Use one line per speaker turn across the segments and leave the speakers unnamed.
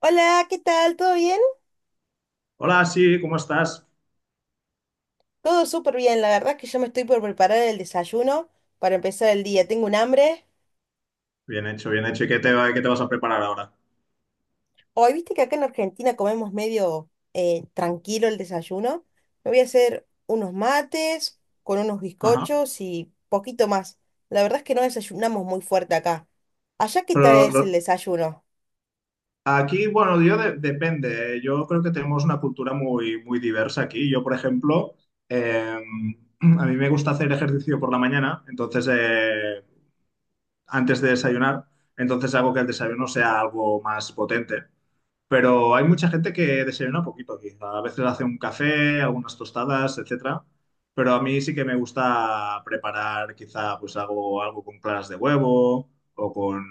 Hola, ¿qué tal? ¿Todo bien?
Hola, sí, ¿cómo estás?
Todo súper bien. La verdad es que yo me estoy por preparar el desayuno para empezar el día. Tengo un hambre.
Bien hecho, bien hecho. ¿Y qué te vas a preparar ahora?
Hoy, viste que acá en Argentina comemos medio tranquilo el desayuno. Me voy a hacer unos mates con unos
Ajá.
bizcochos y poquito más. La verdad es que no desayunamos muy fuerte acá. ¿Allá qué tal
Pero
es el
lo-
desayuno?
Aquí, bueno, depende. Yo creo que tenemos una cultura muy, muy diversa aquí. Yo, por ejemplo, eh, a mí me gusta hacer ejercicio por la mañana, entonces antes de desayunar, entonces hago que el desayuno sea algo más potente. Pero hay mucha gente que desayuna poquito aquí. A veces hace un café, algunas tostadas, etcétera. Pero a mí sí que me gusta preparar quizá pues algo, algo con claras de huevo o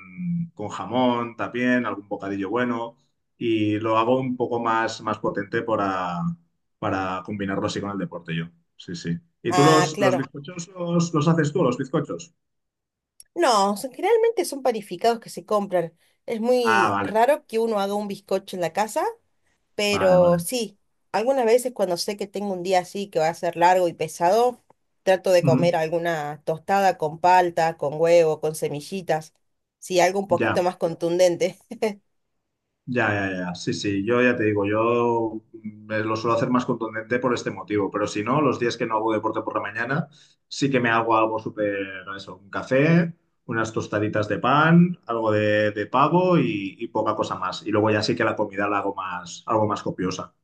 con jamón también, algún bocadillo bueno. Y lo hago un poco más, más potente para combinarlo así con el deporte yo. Sí, sí. ¿Y tú
Ah,
los
claro.
bizcochos los haces tú, los bizcochos?
No, generalmente son panificados que se compran. Es
Ah,
muy
vale,
raro que uno haga un bizcocho en la casa.
vale,
Pero
vale.
sí, algunas veces cuando sé que tengo un día así que va a ser largo y pesado, trato de
Ujú.
comer alguna tostada con palta, con huevo, con semillitas, sí, algo un poquito
Ya.
más contundente.
Ya, ya, ya. Sí, sí, yo ya te digo, yo me lo suelo hacer más contundente por este motivo, pero si no, los días que no hago deporte por la mañana, sí que me hago algo súper, eso, un café, unas tostaditas de pan, algo de pavo y poca cosa más. Y luego ya sí que la comida la hago más, algo más copiosa,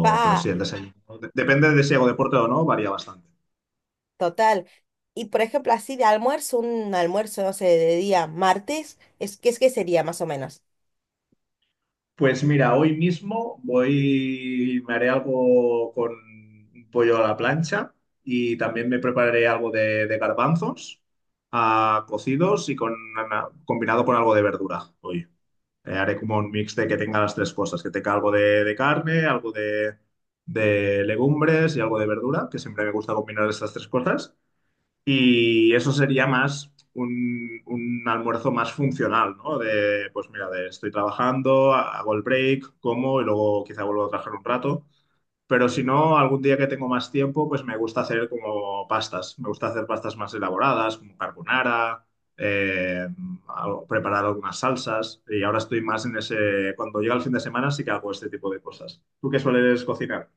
pero sí,
Pa,
el desayuno. Depende de si hago deporte o no, varía bastante.
total. Y por ejemplo, así de almuerzo, un almuerzo, no sé, de día martes, es, ¿qué es que sería más o menos?
Pues mira, hoy mismo voy, me haré algo con un pollo a la plancha y también me prepararé algo de garbanzos ah, cocidos y con, combinado con algo de verdura hoy. Haré como un mix de que tenga las tres cosas, que tenga algo de carne, algo de legumbres y algo de verdura, que siempre me gusta combinar estas tres cosas. Y eso sería más un almuerzo más funcional, ¿no? De, pues mira, de estoy trabajando, hago el break, como y luego quizá vuelvo a trabajar un rato. Pero si no, algún día que tengo más tiempo, pues me gusta hacer como pastas. Me gusta hacer pastas más elaboradas, como carbonara, eh, preparar algunas salsas. Y ahora estoy más en ese... Cuando llega el fin de semana sí que hago este tipo de cosas. ¿Tú qué sueles cocinar?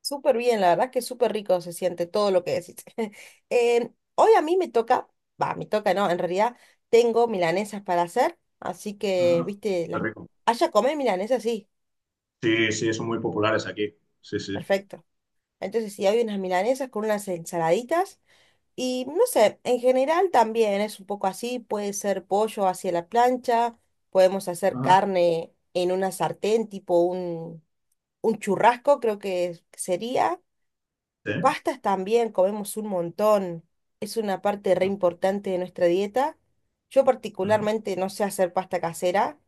Súper bien, la verdad que súper rico se siente todo lo que decís. Hoy a mí me toca, va, me toca, no, en realidad tengo milanesas para hacer, así que,
Ajá.
viste,
Qué
las...
rico.
allá comer milanesas, sí,
Sí, sí, son muy populares aquí. Sí, sí.
perfecto. Entonces, sí, hay unas milanesas con unas ensaladitas y no sé, en general también es un poco así, puede ser pollo hacia la plancha, podemos hacer
Ajá.
carne en una sartén, tipo un churrasco, creo que sería.
Sí.
Pastas también, comemos un montón. Es una parte re
Ah,
importante de nuestra dieta. Yo
ajá.
particularmente no sé hacer pasta casera,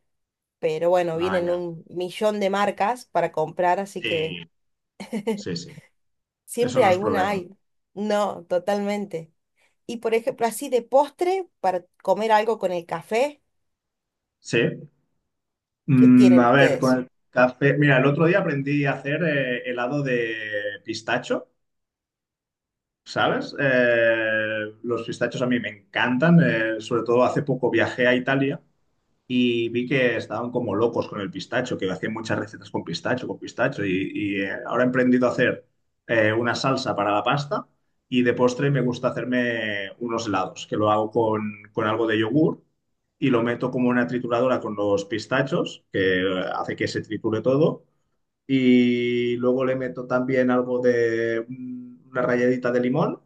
pero bueno,
Ah,
vienen
ya.
un millón de marcas para comprar, así que
Sí, sí, sí. Eso
siempre
no es
alguna
problema.
hay. No, totalmente. Y por ejemplo, así de postre, para comer algo con el café,
Sí.
¿qué
Mm,
tienen
a ver, con
ustedes?
el café. Mira, el otro día aprendí a hacer helado de pistacho, ¿sabes? Los pistachos a mí me encantan. Sobre todo hace poco viajé a Italia y vi que estaban como locos con el pistacho, que hacían muchas recetas con pistacho, y, ahora he emprendido a hacer una salsa para la pasta y de postre me gusta hacerme unos helados, que lo hago con algo de yogur y lo meto como una trituradora con los pistachos, que hace que se triture todo, y luego le meto también algo de mm, una ralladita de limón.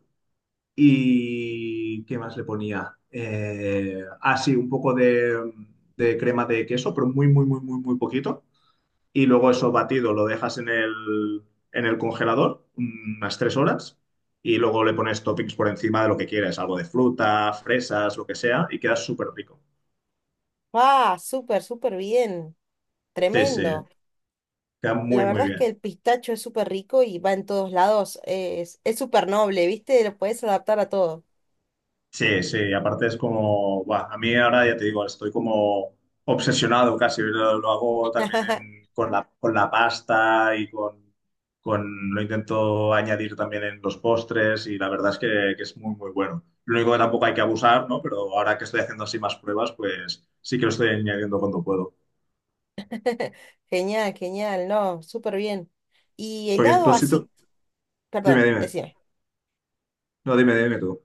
¿Y qué más le ponía? Ah, sí un poco de crema de queso, pero muy, muy, muy, muy, muy poquito. Y luego eso batido lo dejas en el congelador unas tres horas y luego le pones toppings por encima de lo que quieres, algo de fruta, fresas, lo que sea, y queda súper rico.
¡Ah! Súper, súper bien.
Sí, sí,
Tremendo.
queda
La
muy, muy
verdad es que
bien.
el pistacho es súper rico y va en todos lados. Es súper noble, ¿viste? Lo puedes adaptar a todo.
Sí, sí, aparte es como, buah, a mí ahora ya te digo, estoy como obsesionado casi, lo hago también con la pasta y con, lo intento añadir también en los postres y la verdad es que es muy, muy bueno. Lo único que tampoco hay que abusar, ¿no? Pero ahora que estoy haciendo así más pruebas, pues sí que lo estoy añadiendo cuando puedo.
Genial, genial, no, súper bien. Y
Porque
helado
tú sí tú...
así,
Dime,
perdón,
dime.
decime.
No, dime, dime tú.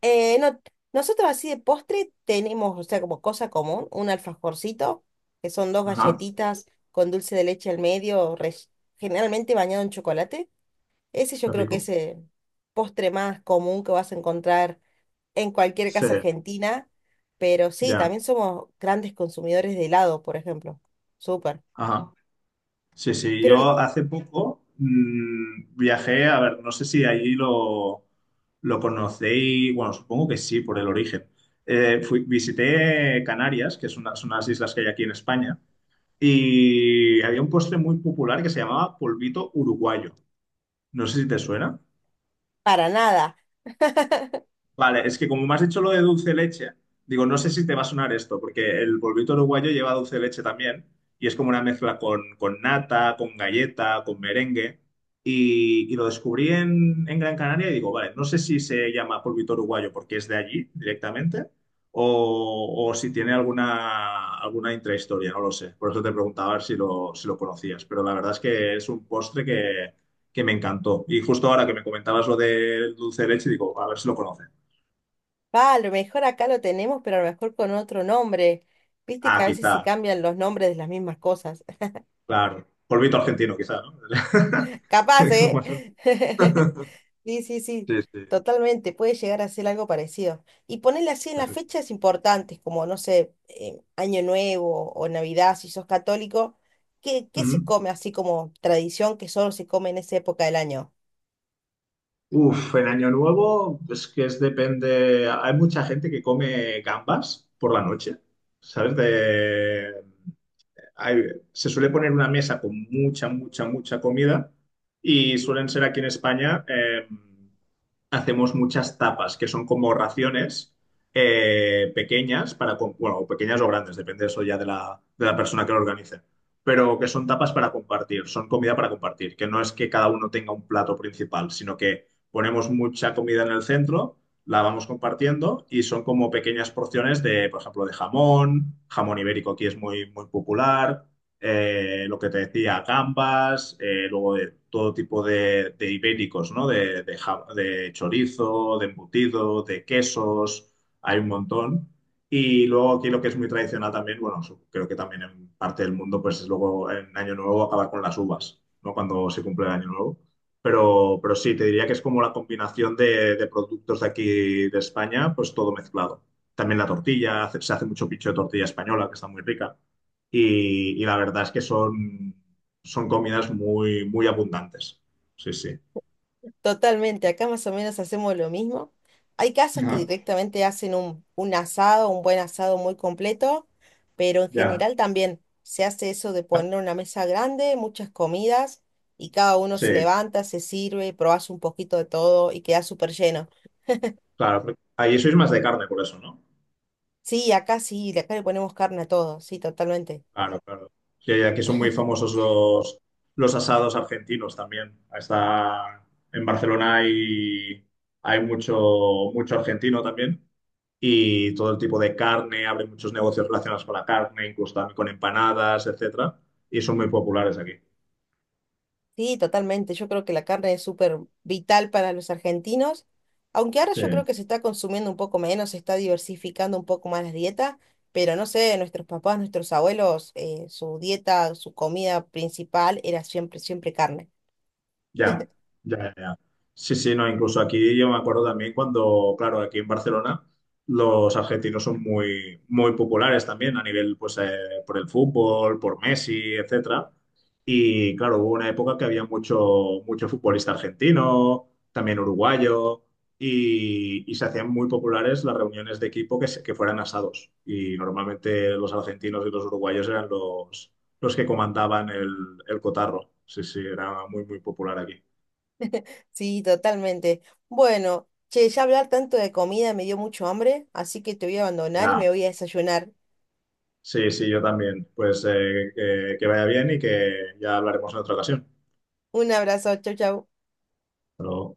No, nosotros así de postre tenemos, o sea, como cosa común, un alfajorcito, que son dos
Ajá,
galletitas con dulce de leche al medio, generalmente bañado en chocolate. Ese yo
qué
creo que
rico.
es el postre más común que vas a encontrar en cualquier
Sí,
casa argentina. Pero sí,
ya.
también somos grandes consumidores de helado, por ejemplo. Súper.
Ajá. Sí, sí,
Pero
yo
n-
hace poco mm, viajé, a ver, no sé si allí lo conocéis, bueno, supongo que sí, por el origen. Fui, visité Canarias, que son unas islas que hay aquí en España, y había un postre muy popular que se llamaba polvito uruguayo. No sé si te suena.
para nada.
Vale, es que como me has dicho lo de dulce de leche, digo, no sé si te va a sonar esto, porque el polvito uruguayo lleva dulce de leche también, y es como una mezcla con nata, con galleta, con merengue, y lo descubrí en Gran Canaria y digo, vale, no sé si se llama polvito uruguayo porque es de allí directamente, o si tiene alguna, alguna intrahistoria, no lo sé. Por eso te preguntaba a ver si lo, si lo conocías, pero la verdad es que es un postre que me encantó. Y justo ahora que me comentabas lo del dulce de leche, digo, a ver si lo conoces.
Va, a lo mejor acá lo tenemos, pero a lo mejor con otro nombre. Viste que
Ah,
a veces se
quizá,
cambian los nombres de las mismas cosas.
claro. Polvito argentino, quizá, ¿no?
Capaz, ¿eh?
Como eso.
Sí, sí, sí,
Sí, sí.
totalmente. Puede llegar a ser algo parecido. Y ponerle así en las
Fíjate.
fechas importantes, como, no sé, Año Nuevo o Navidad, si sos católico. ¿Qué, qué se
Ujú.
come así como tradición que solo se come en esa época del año?
Uf, el Año Nuevo, pues que es depende. Hay mucha gente que come gambas por la noche, ¿sabes? De, hay- se suele poner una mesa con mucha, mucha, mucha comida y suelen ser aquí en España, hacemos muchas tapas, que son como raciones pequeñas, para, bueno, o pequeñas o grandes, depende eso ya de la persona que lo organice, pero que son tapas para compartir, son comida para compartir, que no es que cada uno tenga un plato principal, sino que ponemos mucha comida en el centro la vamos compartiendo y son como pequeñas porciones de, por ejemplo, de jamón, jamón ibérico aquí es muy, muy popular, lo que te decía, gambas, luego de todo tipo de ibéricos, ¿no? De, de chorizo, de embutido, de quesos, hay un montón. Y luego aquí lo que es muy tradicional también, bueno, creo que también en parte del mundo, pues es luego en Año Nuevo acabar con las uvas, ¿no? Cuando se cumple el Año Nuevo. Pero sí, te diría que es como la combinación de productos de aquí de España, pues todo mezclado. También la tortilla, se hace mucho pincho de tortilla española, que está muy rica. Y la verdad es que son, son comidas muy, muy abundantes. Sí, sí.
Totalmente, acá más o menos hacemos lo mismo. Hay casas que
Ah,
directamente hacen un asado, un buen asado muy completo, pero en
ya.
general también se hace eso de poner una mesa grande, muchas comidas, y cada uno
Sí,
se levanta, se sirve, probás un poquito de todo y queda súper lleno.
claro. Ahí sois más de carne por eso, ¿no?
Sí, acá le ponemos carne a todo, sí, totalmente.
Claro, claro. Que aquí son muy famosos los asados argentinos también. Está en Barcelona hay, hay mucho, mucho argentino también y todo el tipo de carne, abre muchos negocios relacionados con la carne, incluso también con empanadas, etcétera, y son muy populares aquí.
Sí, totalmente. Yo creo que la carne es súper vital para los argentinos, aunque ahora
Sí.
yo creo que se está consumiendo un poco menos, se está diversificando un poco más la dieta, pero no sé, nuestros papás, nuestros abuelos, su dieta, su comida principal era siempre, siempre carne.
Ya, ya, ya. Sí, sí, no, incluso aquí yo me acuerdo también cuando, claro, aquí en Barcelona los argentinos son muy, muy populares también a nivel, pues, por el fútbol, por Messi, etcétera. Y claro, hubo una época que había mucho, mucho futbolista argentino, también uruguayo, y se hacían muy populares las reuniones de equipo que, que fueran asados. Y normalmente los argentinos y los uruguayos eran los que comandaban el cotarro. Sí, sí, era muy, muy popular aquí.
Sí, totalmente. Bueno, che, ya hablar tanto de comida me dio mucho hambre, así que te voy a abandonar y
Ya.
me voy a desayunar.
Sí, sí, yo también. Pues que vaya bien y que ya hablaremos en otra ocasión.
Un abrazo, chau, chau.
Pero...